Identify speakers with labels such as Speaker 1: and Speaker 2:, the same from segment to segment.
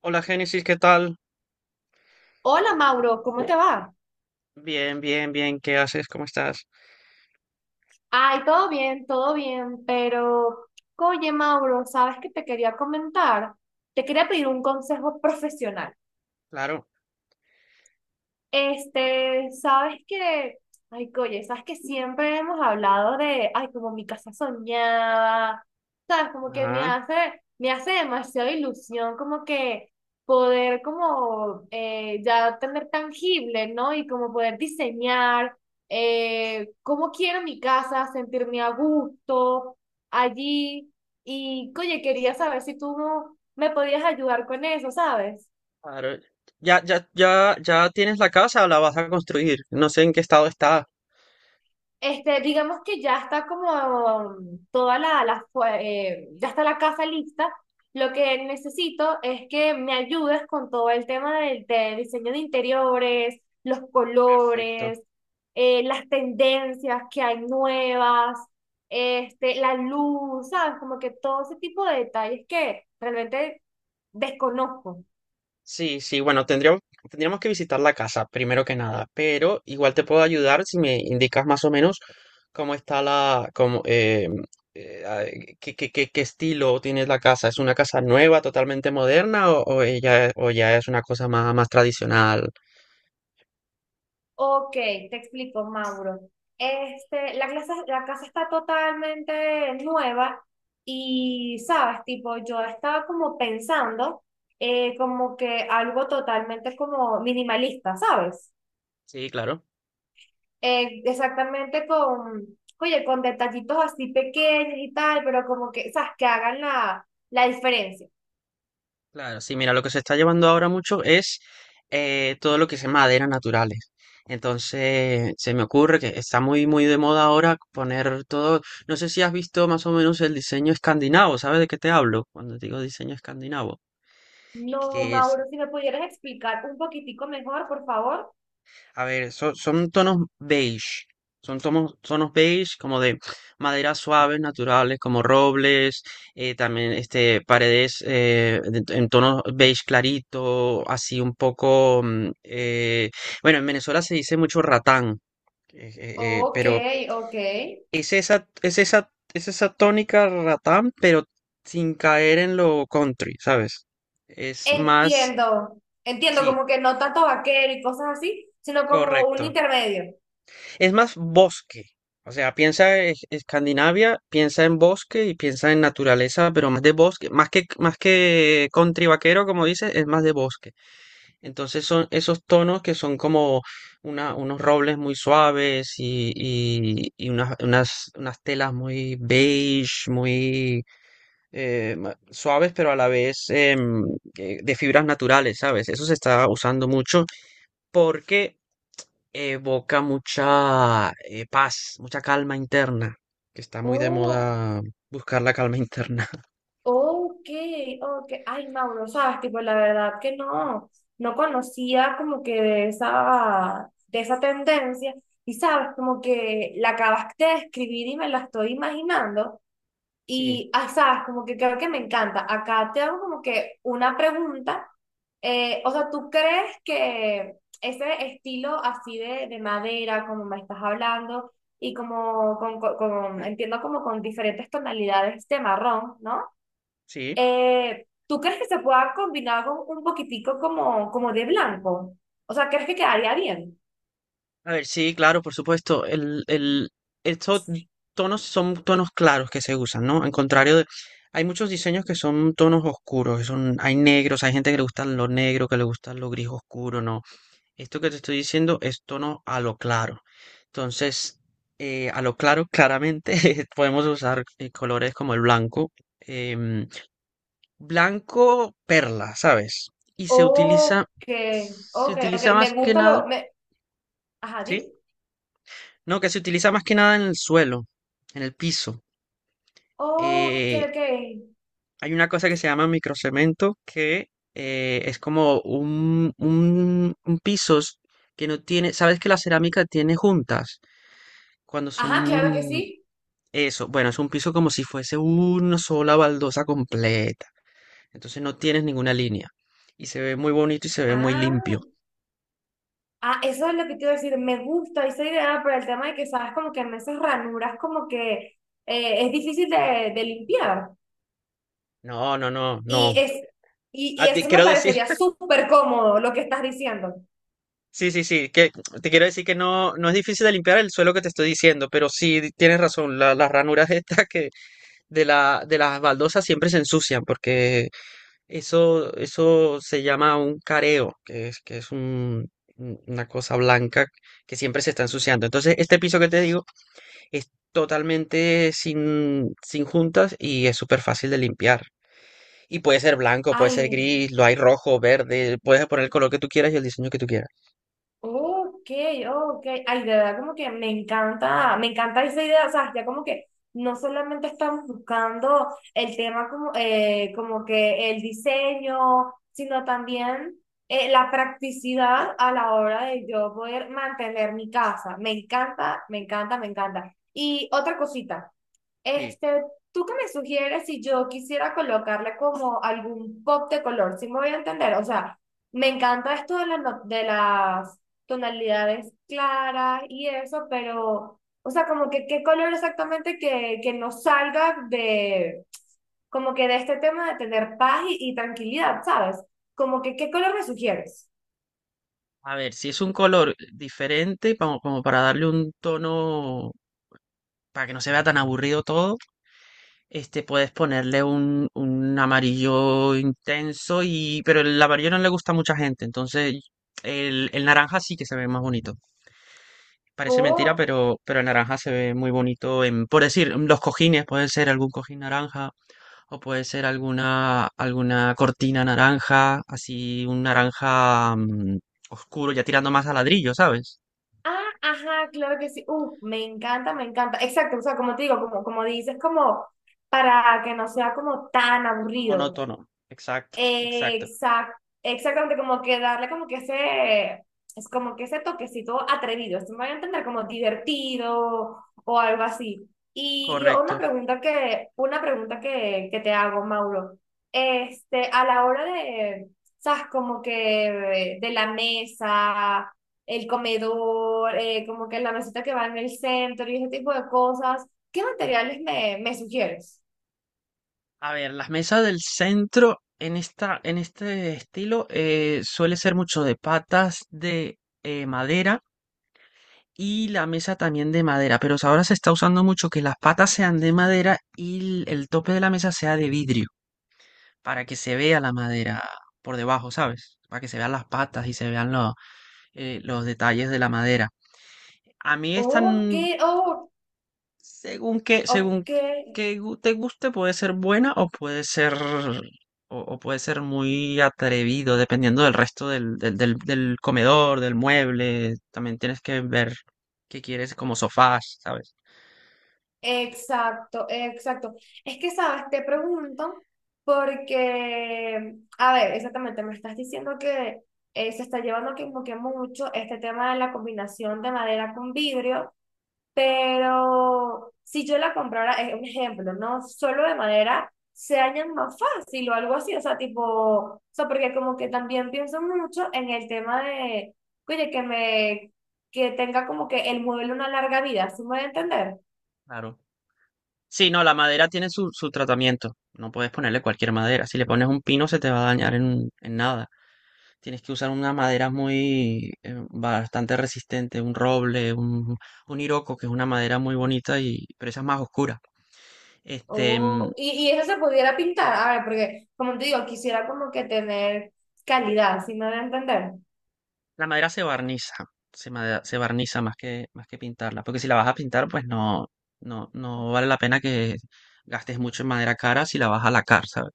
Speaker 1: Hola Génesis, ¿qué tal?
Speaker 2: Hola Mauro, ¿cómo te va?
Speaker 1: Bien, bien, bien, ¿qué haces? ¿Cómo estás?
Speaker 2: Ay, todo bien, pero oye Mauro, ¿sabes qué te quería comentar? Te quería pedir un consejo profesional.
Speaker 1: Claro.
Speaker 2: Sabes que, oye, sabes que siempre hemos hablado de, como mi casa soñada, sabes, como que
Speaker 1: Ah,
Speaker 2: me hace demasiada ilusión, como que poder como ya tener tangible, ¿no? Y como poder diseñar cómo quiero mi casa, sentirme a gusto allí. Y, oye, quería saber si tú me podías ayudar con eso, ¿sabes?
Speaker 1: claro. Ya, ya, ya, ya tienes la casa, la vas a construir. No sé en qué estado está.
Speaker 2: Digamos que ya está como toda ya está la casa lista. Lo que necesito es que me ayudes con todo el tema de diseño de interiores, los
Speaker 1: Perfecto.
Speaker 2: colores, las tendencias que hay nuevas, la luz, ¿sabes? Como que todo ese tipo de detalles que realmente desconozco.
Speaker 1: Sí, sí, bueno, tendríamos que visitar la casa, primero que nada, pero igual te puedo ayudar si me indicas más o menos cómo está la, cómo, ah, qué, qué, qué, qué estilo tienes la casa. ¿Es una casa nueva, totalmente moderna, o ella- o ya es una cosa más, más tradicional?
Speaker 2: Ok, te explico, Mauro. La casa está totalmente nueva y, sabes, tipo, yo estaba como pensando como que algo totalmente como minimalista, ¿sabes?
Speaker 1: Sí, claro.
Speaker 2: Eh, exactamente con, oye, con detallitos así pequeños y tal, pero como que, sabes, que hagan la diferencia.
Speaker 1: Claro, sí, mira, lo que se está llevando ahora mucho es todo lo que es maderas naturales. Entonces, se me ocurre que está muy, muy de moda ahora poner todo. No sé si has visto más o menos el diseño escandinavo, ¿sabes de qué te hablo? Cuando digo diseño escandinavo,
Speaker 2: No,
Speaker 1: que es.
Speaker 2: Mauro, si me pudieras explicar un poquitico mejor, por favor.
Speaker 1: A ver, son, son tonos beige. Son tonos, tonos beige como de maderas suaves, naturales, como robles, también este, paredes de- en tonos beige clarito, así un poco... mm, bueno, en Venezuela se dice mucho ratán,
Speaker 2: Ok,
Speaker 1: pero
Speaker 2: ok.
Speaker 1: es esa tónica ratán, pero sin caer en lo country, ¿sabes? Es más...
Speaker 2: Entiendo, entiendo,
Speaker 1: Sí,
Speaker 2: como que no tanto vaquero y cosas así, sino como un
Speaker 1: correcto.
Speaker 2: intermedio.
Speaker 1: Es más bosque. O sea, piensa en Escandinavia, piensa en bosque y piensa en naturaleza, pero más de bosque, más que country vaquero, como dices, es más de bosque. Entonces son esos tonos que son como una- unos robles muy suaves y unas, unas, unas telas muy beige, muy ma- suaves, pero a la vez de fibras naturales, ¿sabes? Eso se está usando mucho porque evoca mucha paz, mucha calma interna, que está muy de
Speaker 2: Oh,
Speaker 1: moda buscar la calma interna.
Speaker 2: ok, ok. Ay, Mauro, sabes, tipo, la verdad que no, no conocía como que de de esa tendencia. Y sabes, como que la acabaste de escribir y me la estoy imaginando.
Speaker 1: Sí,
Speaker 2: Y, ay, sabes, como que creo que me encanta. Acá te hago como que una pregunta. O sea, ¿tú crees que ese estilo así de madera, como me estás hablando, y como entiendo como con diferentes tonalidades de marrón, ¿no?
Speaker 1: sí.
Speaker 2: ¿Tú crees que se pueda combinar con un poquitico como, como de blanco? O sea, ¿crees que quedaría bien?
Speaker 1: A ver, sí, claro, por supuesto. Estos tonos son tonos claros que se usan, ¿no? Al contrario de... Hay muchos diseños que son tonos oscuros, que son, hay negros, hay gente que le gustan lo negro, que le gustan lo gris oscuro, ¿no? Esto que te estoy diciendo es tono a lo claro. Entonces, a lo claro, claramente podemos usar colores como el blanco, em, blanco perla, ¿sabes? Y
Speaker 2: Ok,
Speaker 1: se
Speaker 2: ok, ok,
Speaker 1: utiliza más
Speaker 2: me
Speaker 1: que
Speaker 2: gusta
Speaker 1: nada,
Speaker 2: lo... Me... Ajá, dime.
Speaker 1: ¿sí? No, que se utiliza más que nada en el suelo, en el piso.
Speaker 2: Ok,
Speaker 1: Eh,
Speaker 2: ok.
Speaker 1: Hay una cosa que se llama microcemento que es como un piso que no tiene, ¿sabes que la cerámica tiene juntas? Cuando
Speaker 2: Ajá, claro que
Speaker 1: son
Speaker 2: sí.
Speaker 1: eso, bueno, es un piso como si fuese una sola baldosa completa. Entonces no tienes ninguna línea. Y se ve muy bonito y se ve muy
Speaker 2: Ah.
Speaker 1: limpio.
Speaker 2: Ah, eso es lo que te iba a decir, me gusta esa idea, pero el tema de que sabes como que en esas ranuras como que es difícil de limpiar.
Speaker 1: No, no, no,
Speaker 2: Y,
Speaker 1: no.
Speaker 2: es, y
Speaker 1: Ah, te
Speaker 2: eso me
Speaker 1: quiero decir,
Speaker 2: parecería súper cómodo lo que estás diciendo.
Speaker 1: sí, sí, sí, que te quiero decir que no, no es difícil de limpiar el suelo que te estoy diciendo, pero sí di- tienes razón, la- las ranuras estas que de la, de las baldosas siempre se ensucian porque. Eso se llama un careo, que es un- una cosa blanca que siempre se está ensuciando. Entonces, este piso que te digo es totalmente sin, sin juntas y es súper fácil de limpiar. Y puede ser blanco, puede ser
Speaker 2: Ay,
Speaker 1: gris, lo hay rojo, verde, puedes poner el color que tú quieras y el diseño que tú quieras.
Speaker 2: ok, ok. Ay, de verdad, como que me encanta esa idea. O sea, ya como que no solamente estamos buscando el tema como, como que el diseño, sino también la practicidad a la hora de yo poder mantener mi casa. Me encanta, me encanta, me encanta. Y otra cosita.
Speaker 1: Sí,
Speaker 2: Este, ¿Tú qué me sugieres si yo quisiera colocarle como algún pop de color? Si me voy a entender, o sea, me encanta esto de, la no- de las tonalidades claras y eso, pero, o sea, como que qué color exactamente que no salga de, como que de este tema de tener paz y tranquilidad, ¿sabes? Como que qué color me sugieres.
Speaker 1: a ver, si es un color diferente, como, como para darle un tono, para que no se vea tan aburrido todo. Este, puedes ponerle un amarillo intenso y, pero el amarillo no le gusta a mucha gente, entonces el naranja sí que se ve más bonito. Parece mentira,
Speaker 2: Ok,
Speaker 1: pero el naranja se ve muy bonito en, por decir, los cojines, puede ser algún cojín naranja o puede ser alguna, alguna cortina naranja, así un naranja oscuro, ya tirando más a ladrillo, ¿sabes?
Speaker 2: ah, ajá, claro que sí. Me encanta, me encanta. Exacto, o sea, como te digo, como, como dices, como para que no sea como tan aburrido.
Speaker 1: Monótono. Exacto, exacto.
Speaker 2: Exact, exactamente, como que darle como que ese, es como que ese toquecito atrevido, esto me voy a entender como divertido o algo así. Y
Speaker 1: Correcto.
Speaker 2: una pregunta que te hago, Mauro, a la hora de, sabes, como que de la mesa, el comedor, como que la mesita que va en el centro y ese tipo de cosas, ¿qué materiales me sugieres?
Speaker 1: A ver, las mesas del centro en esta, en este estilo suele ser mucho de patas de madera y la mesa también de madera, pero ahora se está usando mucho que las patas sean de madera y el tope de la mesa sea de vidrio, para que se vea la madera por debajo, ¿sabes? Para que se vean las patas y se vean lo- los detalles de la madera. A mí esta,
Speaker 2: Oh,
Speaker 1: n-
Speaker 2: qué, oh,
Speaker 1: Según
Speaker 2: ok.
Speaker 1: que gu- te guste, puede ser buena o puede ser muy atrevido, dependiendo del resto del, del, del- del comedor, del mueble. También tienes que ver qué quieres como sofás, ¿sabes?
Speaker 2: Exacto, exacto. Es que, sabes, te pregunto porque, a ver, exactamente, me estás diciendo que se está llevando como que mucho este tema de la combinación de madera con vidrio, pero si yo la comprara, es un ejemplo, ¿no? Solo de madera, se dañan más fácil o algo así, o sea, tipo, o sea, porque como que también pienso mucho en el tema de, oye, que tenga como que el mueble una larga vida, ¿sí me voy a entender?
Speaker 1: Claro. Sí, no, la madera tiene su, su tratamiento. No puedes ponerle cualquier madera. Si le pones un pino, se te va a dañar en nada. Tienes que usar una madera muy, bastante resistente, un roble, un hiroko, que es una madera muy bonita y, pero esa es más oscura. Este, mm,
Speaker 2: Oh, y eso se pudiera pintar, a ver, porque como te digo, quisiera como que tener calidad, si me van a entender?
Speaker 1: la madera se barniza, se, made- se barniza más que pintarla, porque si la vas a pintar, pues no, no, no vale la pena que gastes mucho en madera cara si la vas a lacar, ¿sabes?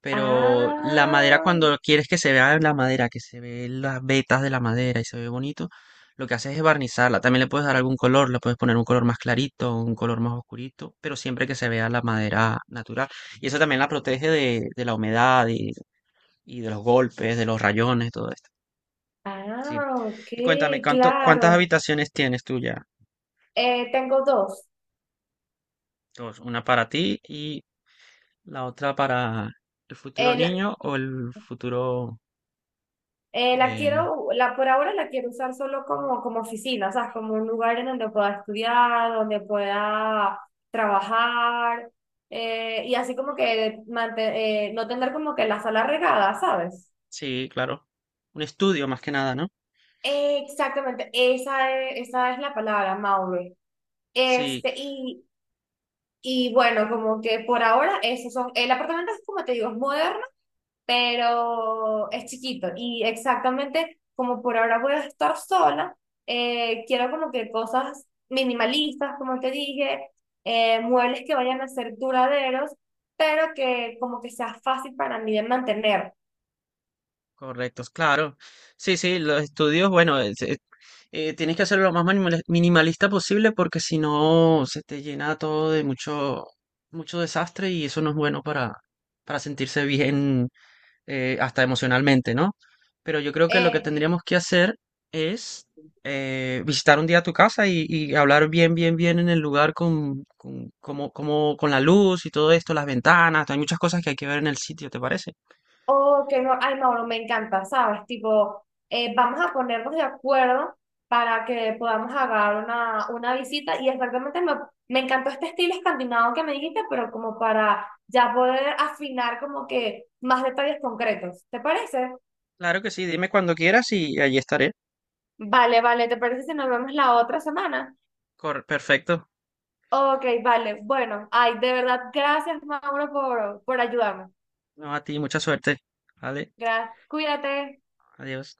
Speaker 1: Pero la madera,
Speaker 2: Ah,
Speaker 1: cuando quieres que se vea la madera, que se ve las vetas de la madera y se ve bonito, lo que haces es barnizarla. También le puedes dar algún color, le puedes poner un color más clarito, un color más oscurito, pero siempre que se vea la madera natural. Y eso también la protege de la humedad y de los golpes, de los rayones, todo eso. Sí.
Speaker 2: ah, ok,
Speaker 1: Y cuéntame, ¿cuánto, cuántas
Speaker 2: claro.
Speaker 1: habitaciones tienes tú ya?
Speaker 2: Tengo dos.
Speaker 1: Dos, una para ti y la otra para el futuro
Speaker 2: El,
Speaker 1: niño o el futuro...
Speaker 2: la
Speaker 1: eh,
Speaker 2: quiero, la por ahora la quiero usar solo como, como oficina, o sea, como un lugar en donde pueda estudiar, donde pueda trabajar, y así como que no tener como que la sala regada, ¿sabes?
Speaker 1: sí, claro. Un estudio más que nada, ¿no?
Speaker 2: Exactamente, esa es la palabra, Maure.
Speaker 1: Sí,
Speaker 2: Este, y, y bueno, como que por ahora esos son, el apartamento es como te digo, es moderno, pero es chiquito. Y exactamente como por ahora voy a estar sola, quiero como que cosas minimalistas, como te dije, muebles que vayan a ser duraderos, pero que como que sea fácil para mí de mantener.
Speaker 1: correctos, claro. Sí, sí, los estudios, bueno, es- tienes que hacerlo lo más manimal- minimalista posible porque si no se te llena todo de mucho, mucho desastre y eso no es bueno para sentirse bien hasta emocionalmente, ¿no? Pero yo creo que lo que
Speaker 2: Eh,
Speaker 1: tendríamos que hacer es visitar un día tu casa y hablar bien, bien, bien en el lugar con, como, como, con la luz y todo esto, las ventanas, hay muchas cosas que hay que ver en el sitio, ¿te parece?
Speaker 2: oh que no, ay, Mauro, me encanta, ¿sabes? Tipo, vamos a ponernos de acuerdo para que podamos agarrar una visita y exactamente me encantó este estilo escandinavo que me dijiste, pero como para ya poder afinar como que más detalles concretos, ¿te parece?
Speaker 1: Claro que sí, dime cuando quieras y allí estaré.
Speaker 2: Vale, vale, ¿te parece si nos vemos la otra semana?
Speaker 1: Cor- perfecto.
Speaker 2: Ok, vale, bueno, ay, de verdad, gracias, Mauro, por ayudarme.
Speaker 1: No, a ti, mucha suerte. Vale,
Speaker 2: Gracias, cuídate.
Speaker 1: adiós.